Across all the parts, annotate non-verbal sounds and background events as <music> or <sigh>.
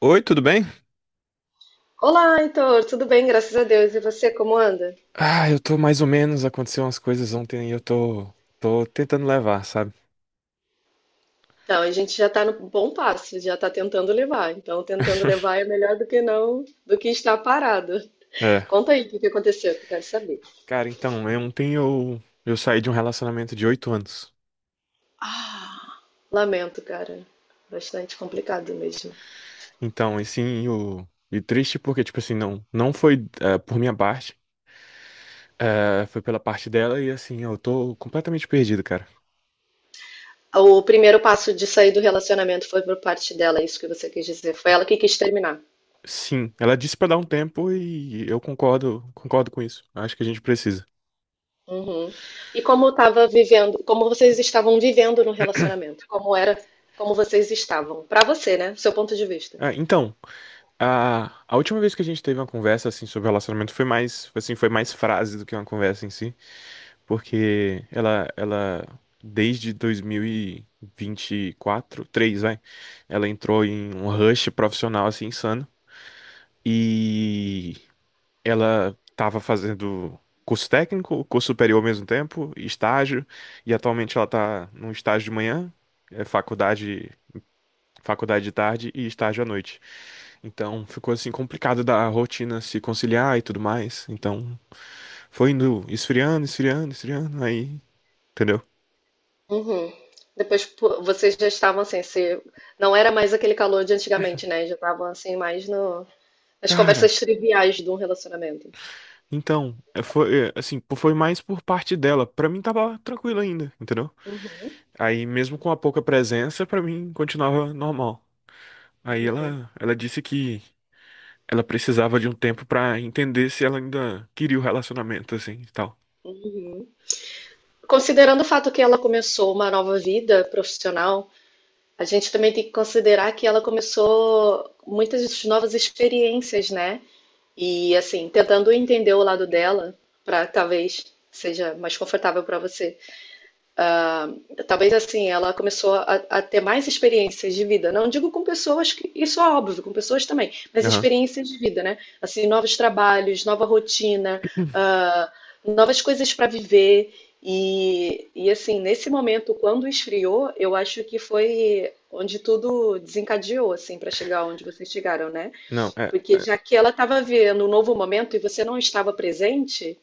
Oi, tudo bem? Olá, Heitor, tudo bem? Graças a Deus. E você, como anda? Ah, eu tô mais ou menos. Aconteceu umas coisas ontem e eu tô tentando levar, sabe? Então, a gente já está no bom passo, já está tentando levar. Então, tentando <laughs> levar é melhor do que não, do que estar parado. É. Conta aí o que que aconteceu, que eu quero saber. Cara, então, ontem eu saí de um relacionamento de 8 anos. Lamento, cara. Bastante complicado mesmo. Então, e sim, e triste porque, tipo assim, não, não foi por minha parte, foi pela parte dela e assim, eu tô completamente perdido, cara. O primeiro passo de sair do relacionamento foi por parte dela, é isso que você quis dizer. Foi ela que quis terminar. Sim, ela disse pra dar um tempo e eu concordo, concordo com isso. Acho que a gente precisa. Uhum. E como estava vivendo, como vocês estavam vivendo no relacionamento? Como era, como vocês estavam? Para você, né? Seu ponto de vista. Ah, então. A última vez que a gente teve uma conversa assim sobre relacionamento foi mais, assim, foi mais frase do que uma conversa em si, porque ela desde 2024, 3, vai, ela entrou em um rush profissional assim insano e ela estava fazendo curso técnico, curso superior ao mesmo tempo, estágio, e atualmente ela tá num estágio de manhã, é faculdade faculdade de tarde e estágio à noite. Então ficou assim complicado da rotina se conciliar e tudo mais. Então foi indo esfriando, esfriando, esfriando, aí, entendeu? Uhum. Depois pô, vocês já estavam assim, se, não era mais aquele calor de antigamente, né? Já estavam assim, mais no, nas Cara, conversas triviais de um relacionamento. então, foi assim, pô, foi mais por parte dela. Pra mim tava tranquilo ainda, entendeu? Aí mesmo com a pouca presença, pra mim continuava normal. Aí ela disse que ela precisava de um tempo pra entender se ela ainda queria o relacionamento assim, e tal. Uhum. Considerando o fato que ela começou uma nova vida profissional, a gente também tem que considerar que ela começou muitas novas experiências, né? E assim, tentando entender o lado dela, para talvez seja mais confortável para você. Ah, talvez assim, ela começou a ter mais experiências de vida. Não digo com pessoas, que, isso é óbvio, com pessoas também, mas Aham. experiências de vida, né? Assim, novos trabalhos, nova rotina, novas coisas para viver. E assim, nesse momento, quando esfriou, eu acho que foi onde tudo desencadeou, assim, para chegar onde vocês chegaram, né? Não, é, Porque já que ela estava vivendo um novo momento e você não estava presente,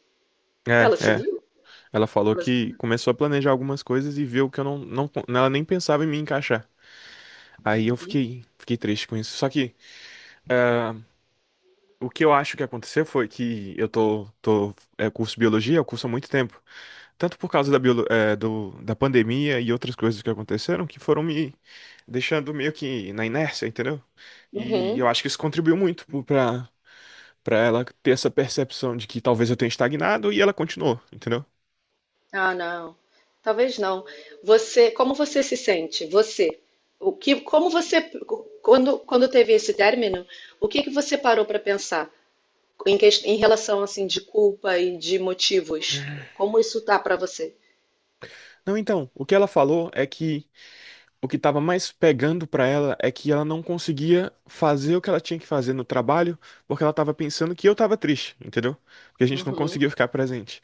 é, ela é. É. seguiu. Ela falou Ela que seguiu. começou a planejar algumas coisas e viu que eu não, não, ela nem pensava em me encaixar. Aí eu fiquei triste com isso. Só que ah, o que eu acho que aconteceu foi que eu tô, tô é, curso biologia, eu curso há muito tempo. Tanto por causa da, biolo, é, do, da pandemia e outras coisas que aconteceram que foram me deixando meio que na inércia, entendeu? E eu Uhum. acho que isso contribuiu muito pra ela ter essa percepção de que talvez eu tenha estagnado e ela continuou, entendeu? Ah, não. Talvez não. Você, como você se sente? Você, o que, como você, quando, quando teve esse término, o que que você parou para pensar em, em relação assim de culpa e de motivos? Como isso tá para você? Não, então, o que ela falou é que o que estava mais pegando para ela é que ela não conseguia fazer o que ela tinha que fazer no trabalho, porque ela estava pensando que eu estava triste, entendeu? Porque a gente não Uhum. conseguiu ficar presente.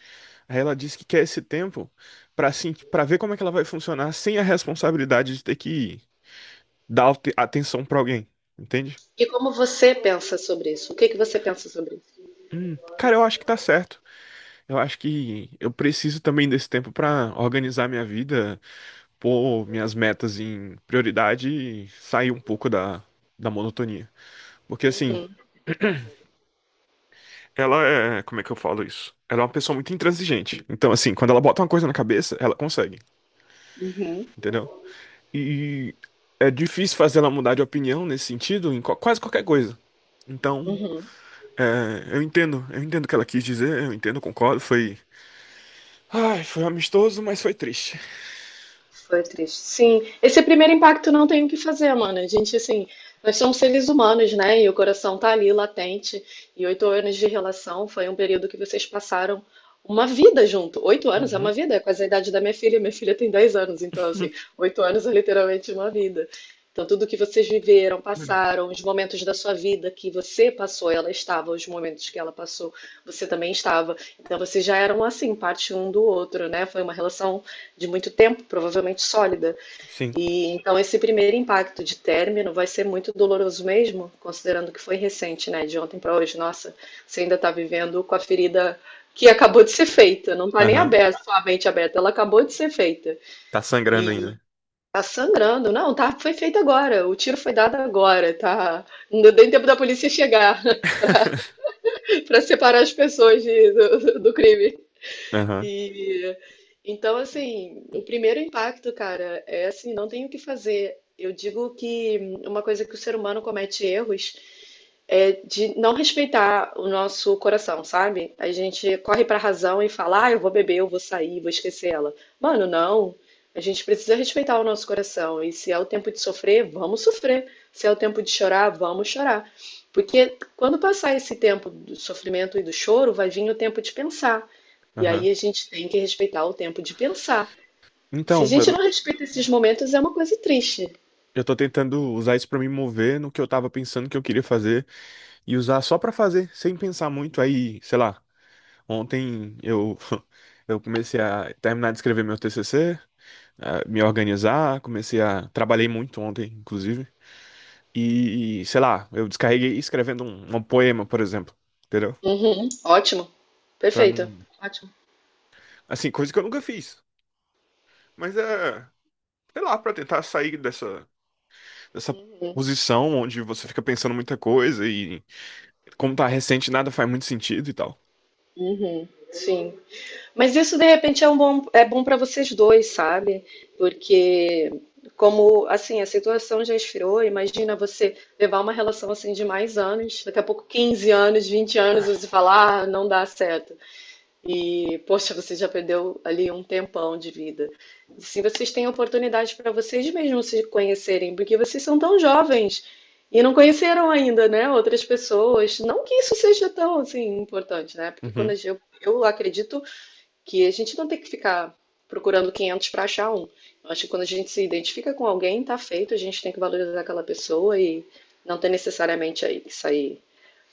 Aí ela disse que quer esse tempo para ver como é que ela vai funcionar sem a responsabilidade de ter que dar atenção para alguém, entende? E como você pensa sobre isso? O que que você pensa sobre isso? Cara, eu acho que tá certo. Eu acho que eu preciso também desse tempo para organizar minha vida, pôr minhas metas em prioridade e sair um pouco da monotonia. Porque assim, Uhum. Como é que eu falo isso? Ela é uma pessoa muito intransigente. Então, assim, quando ela bota uma coisa na cabeça, ela consegue, Uhum. entendeu? E é difícil fazer ela mudar de opinião nesse sentido em quase qualquer coisa. Então, Uhum. Eu entendo o que ela quis dizer, eu entendo, concordo. Foi amistoso, mas foi triste. Foi triste. Sim, esse primeiro impacto não tem o que fazer, mano. A gente, assim, nós somos seres humanos, né? E o coração tá ali latente. E 8 anos de relação foi um período que vocês passaram uma vida junto. 8 anos é uma Uhum. vida, é quase a idade da minha filha. Minha filha tem 10 anos, então, assim, <laughs> 8 anos é literalmente uma vida. Então, tudo que vocês viveram, <clears throat> passaram, os momentos da sua vida que você passou, ela estava, os momentos que ela passou, você também estava. Então, vocês já eram assim, parte um do outro, né? Foi uma relação de muito tempo, provavelmente sólida. Sim. E então esse primeiro impacto de término vai ser muito doloroso mesmo, considerando que foi recente, né? De ontem para hoje, nossa, você ainda está vivendo com a ferida que acabou de ser feita, não está nem Aham. aberta, somente aberta, ela acabou de ser feita. Tá sangrando E ainda. tá sangrando, não, tá, foi feito agora, o tiro foi dado agora, tá? Não deu nem tempo da polícia chegar <laughs> <laughs> para separar as pessoas do crime. Aham. E então, assim, o primeiro impacto, cara, é assim, não tem o que fazer. Eu digo que uma coisa que o ser humano comete erros é de não respeitar o nosso coração, sabe? A gente corre pra razão e fala, ah, eu vou beber, eu vou sair, vou esquecer ela. Mano, não. A gente precisa respeitar o nosso coração. E se é o tempo de sofrer, vamos sofrer. Se é o tempo de chorar, vamos chorar. Porque quando passar esse tempo do sofrimento e do choro, vai vir o tempo de pensar. E Aham. aí a gente tem que respeitar o tempo de pensar. Se a Então, gente eu, não respeita esses momentos, é uma coisa triste. eu tô tentando usar isso pra me mover no que eu tava pensando que eu queria fazer. E usar só pra fazer, sem pensar muito. Aí, sei lá, ontem eu <laughs> eu comecei a terminar de escrever meu TCC, a me organizar, comecei a trabalhei muito ontem, inclusive. E, sei lá, eu descarreguei escrevendo um poema, por exemplo, entendeu? Uhum. Ótimo, Pra perfeito. não, Ótimo. assim, coisa que eu nunca fiz. Mas é, sei lá, pra tentar sair dessa dessa Uhum, posição onde você fica pensando muita coisa e como tá recente, nada faz muito sentido e tal. uhum. Sim. Mas isso de repente é um bom, é bom para vocês dois, sabe? Porque como assim, a situação já esfriou, imagina você levar uma relação assim de mais anos, daqui a pouco 15 anos, 20 anos, e você falar, ah, não dá certo. E, poxa, você já perdeu ali um tempão de vida. E se vocês têm oportunidade para vocês mesmos se conhecerem, porque vocês são tão jovens e não conheceram ainda, né, outras pessoas. Não que isso seja tão, assim, importante, né? Porque quando a Uhum. gente, eu acredito que a gente não tem que ficar procurando 500 para achar um. Eu acho que quando a gente se identifica com alguém, tá feito, a gente tem que valorizar aquela pessoa e não tem necessariamente aí que sair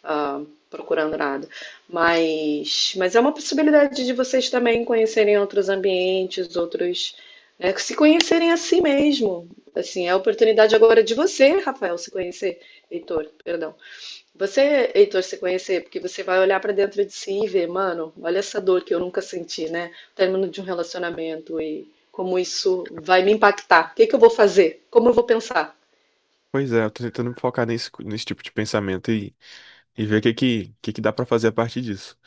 ah, procurando nada. Mas é uma possibilidade de vocês também conhecerem outros ambientes, outros, né, se conhecerem a si mesmo. Assim, é a oportunidade agora de você, Rafael, se conhecer. Heitor, perdão. Você, Heitor, se conhecer, porque você vai olhar pra dentro de si e ver, mano, olha essa dor que eu nunca senti, né? O término de um relacionamento e como isso vai me impactar. O que que eu vou fazer? Como eu vou pensar? Pois é, eu tô tentando me focar nesse tipo de pensamento e ver o que que dá pra fazer a partir disso.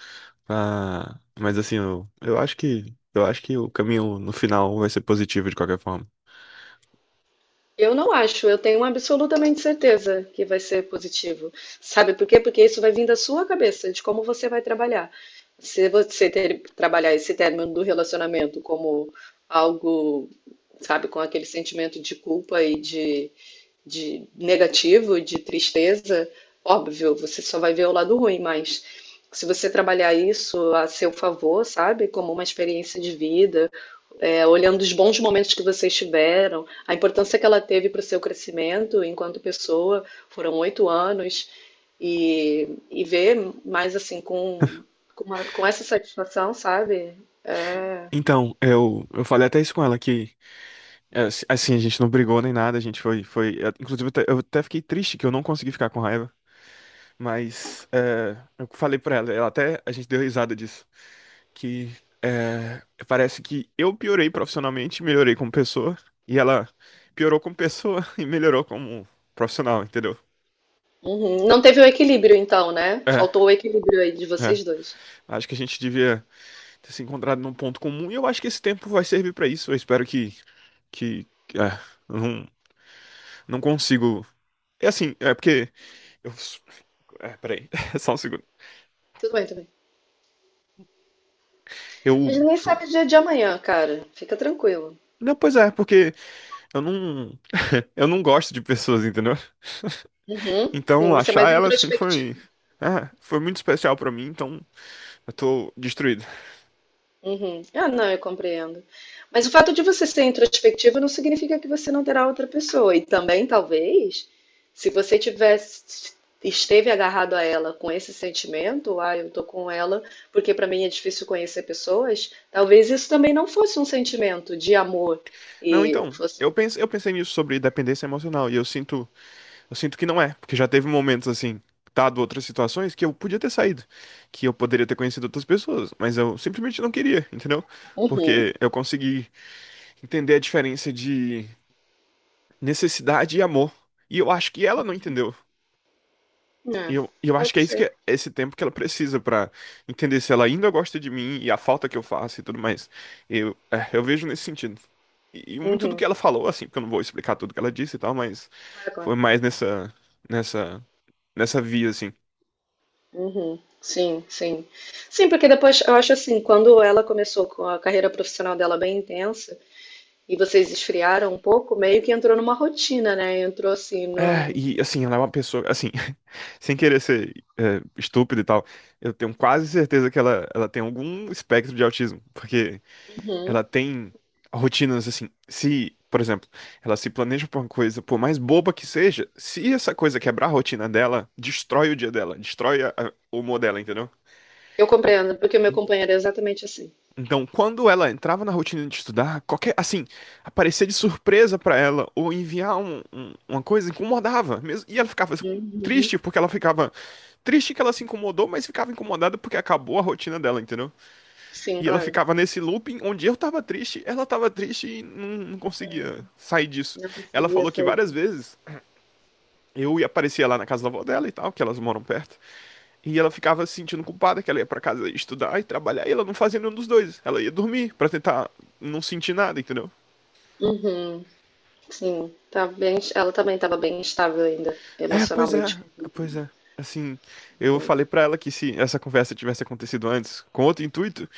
Ah, mas assim, eu acho que o caminho no final vai ser positivo de qualquer forma. Eu não acho, eu tenho absolutamente certeza que vai ser positivo. Sabe por quê? Porque isso vai vir da sua cabeça, de como você vai trabalhar. Se você trabalhar esse término do relacionamento como algo, sabe, com aquele sentimento de culpa e de negativo, de tristeza, óbvio, você só vai ver o lado ruim, mas se você trabalhar isso a seu favor, sabe, como uma experiência de vida, é, olhando os bons momentos que vocês tiveram, a importância que ela teve para o seu crescimento enquanto pessoa, foram 8 anos, e ver mais assim com, com essa satisfação, sabe? Então, eu falei até isso com ela que Assim, a gente não brigou nem nada, a gente inclusive eu até fiquei triste que eu não consegui ficar com raiva, mas é, eu falei pra ela, ela até, a gente deu risada disso, que é, parece que eu piorei profissionalmente, melhorei como pessoa, e ela piorou como pessoa <laughs> e melhorou como profissional, entendeu? Uhum. Não teve o equilíbrio então, né? É, Faltou o equilíbrio aí de é. vocês dois. Acho que a gente devia ter se encontrado num ponto comum e eu acho que esse tempo vai servir pra isso. Eu espero que, que- é, eu não, não consigo. É assim, é porque eu É, peraí, <laughs> só um segundo. Tudo bem, tudo bem. A Eu. gente nem sabe o dia de amanhã, cara. Fica tranquilo. Não, pois é, porque eu não. Eu não gosto de pessoas, entendeu? Uhum. Sim, Então você é achar mais ela assim foi. introspectivo. É, foi muito especial pra mim, então eu tô destruído. Uhum. Ah, não, eu compreendo. Mas o fato de você ser introspectiva não significa que você não terá outra pessoa. E também, talvez, se você tivesse, esteve agarrado a ela com esse sentimento, ah, eu tô com ela porque para mim é difícil conhecer pessoas, talvez isso também não fosse um sentimento de amor Não, e então, fosse. eu pensei nisso sobre dependência emocional e eu sinto que não é, porque já teve momentos assim, dado outras situações que eu podia ter saído, que eu poderia ter conhecido outras pessoas, mas eu simplesmente não queria, entendeu? Uhum. Porque eu consegui entender a diferença de necessidade e amor. E eu acho que ela não entendeu. E É, eu, e eu acho que pode é isso que ser. é esse tempo que ela precisa pra entender se ela ainda gosta de mim e a falta que eu faço e tudo mais. Eu vejo nesse sentido. E muito do Uhum. que ela falou, assim, porque eu não vou explicar tudo que ela disse e tal, mas Claro, foi claro. mais nessa, nessa via, assim. Uhum. Sim, sim. Sim, porque depois eu acho assim, quando ela começou com a carreira profissional dela bem intensa, e vocês esfriaram um pouco, meio que entrou numa rotina, né? Entrou assim É, no. e assim, ela é uma pessoa, assim, <laughs> sem querer ser estúpido e tal, eu tenho quase certeza que ela tem algum espectro de autismo, porque ela Uhum. tem rotinas assim. Se, por exemplo, ela se planeja pra uma coisa, por mais boba que seja, se essa coisa quebrar a rotina dela, destrói o dia dela, destrói o humor dela, entendeu? Eu compreendo, porque o meu companheiro é exatamente assim. Então, quando ela entrava na rotina de estudar, qualquer, assim, aparecer de surpresa pra ela ou enviar uma coisa incomodava mesmo, e ela ficava Uhum. triste porque ela ficava triste que ela se incomodou, mas ficava incomodada porque acabou a rotina dela, entendeu? Sim, E ela claro. ficava nesse looping onde eu tava triste, ela tava triste e não, não conseguia sair disso. Não Ela conseguia falou que sair várias disso. vezes eu ia aparecia lá na casa da avó dela e tal, que elas moram perto, e ela ficava se sentindo culpada que ela ia pra casa estudar e trabalhar, e ela não fazia nenhum dos dois. Ela ia dormir pra tentar não sentir nada, entendeu? Uhum. Sim, tá bem, ela também estava bem instável ainda, É, pois é, emocionalmente, com pois é. Assim, eu tudo. falei pra ela que se essa conversa tivesse acontecido antes, com outro intuito,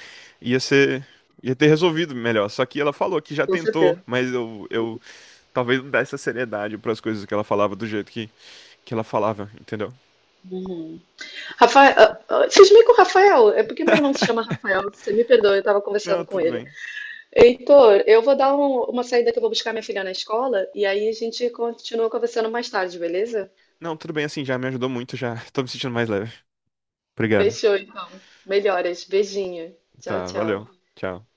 ia ser, ia ter resolvido melhor. Só que ela falou que já Com tentou, certeza. mas eu talvez não desse a seriedade para as coisas que ela falava do jeito que ela falava, entendeu? Uhum. Rafael, ah, ah, vocês meio que o Rafael, é porque meu irmão se chama Rafael, você me perdoa, eu estava Não, conversando com tudo ele. bem. Heitor, eu vou dar uma saída que eu vou buscar minha filha na escola e aí a gente continua conversando mais tarde, beleza? Não, tudo bem assim, já me ajudou muito, já <laughs> tô me sentindo mais leve. Obrigado. Fechou, então. Melhoras. Beijinho. Tchau, Tá, tchau. valeu. Tchau.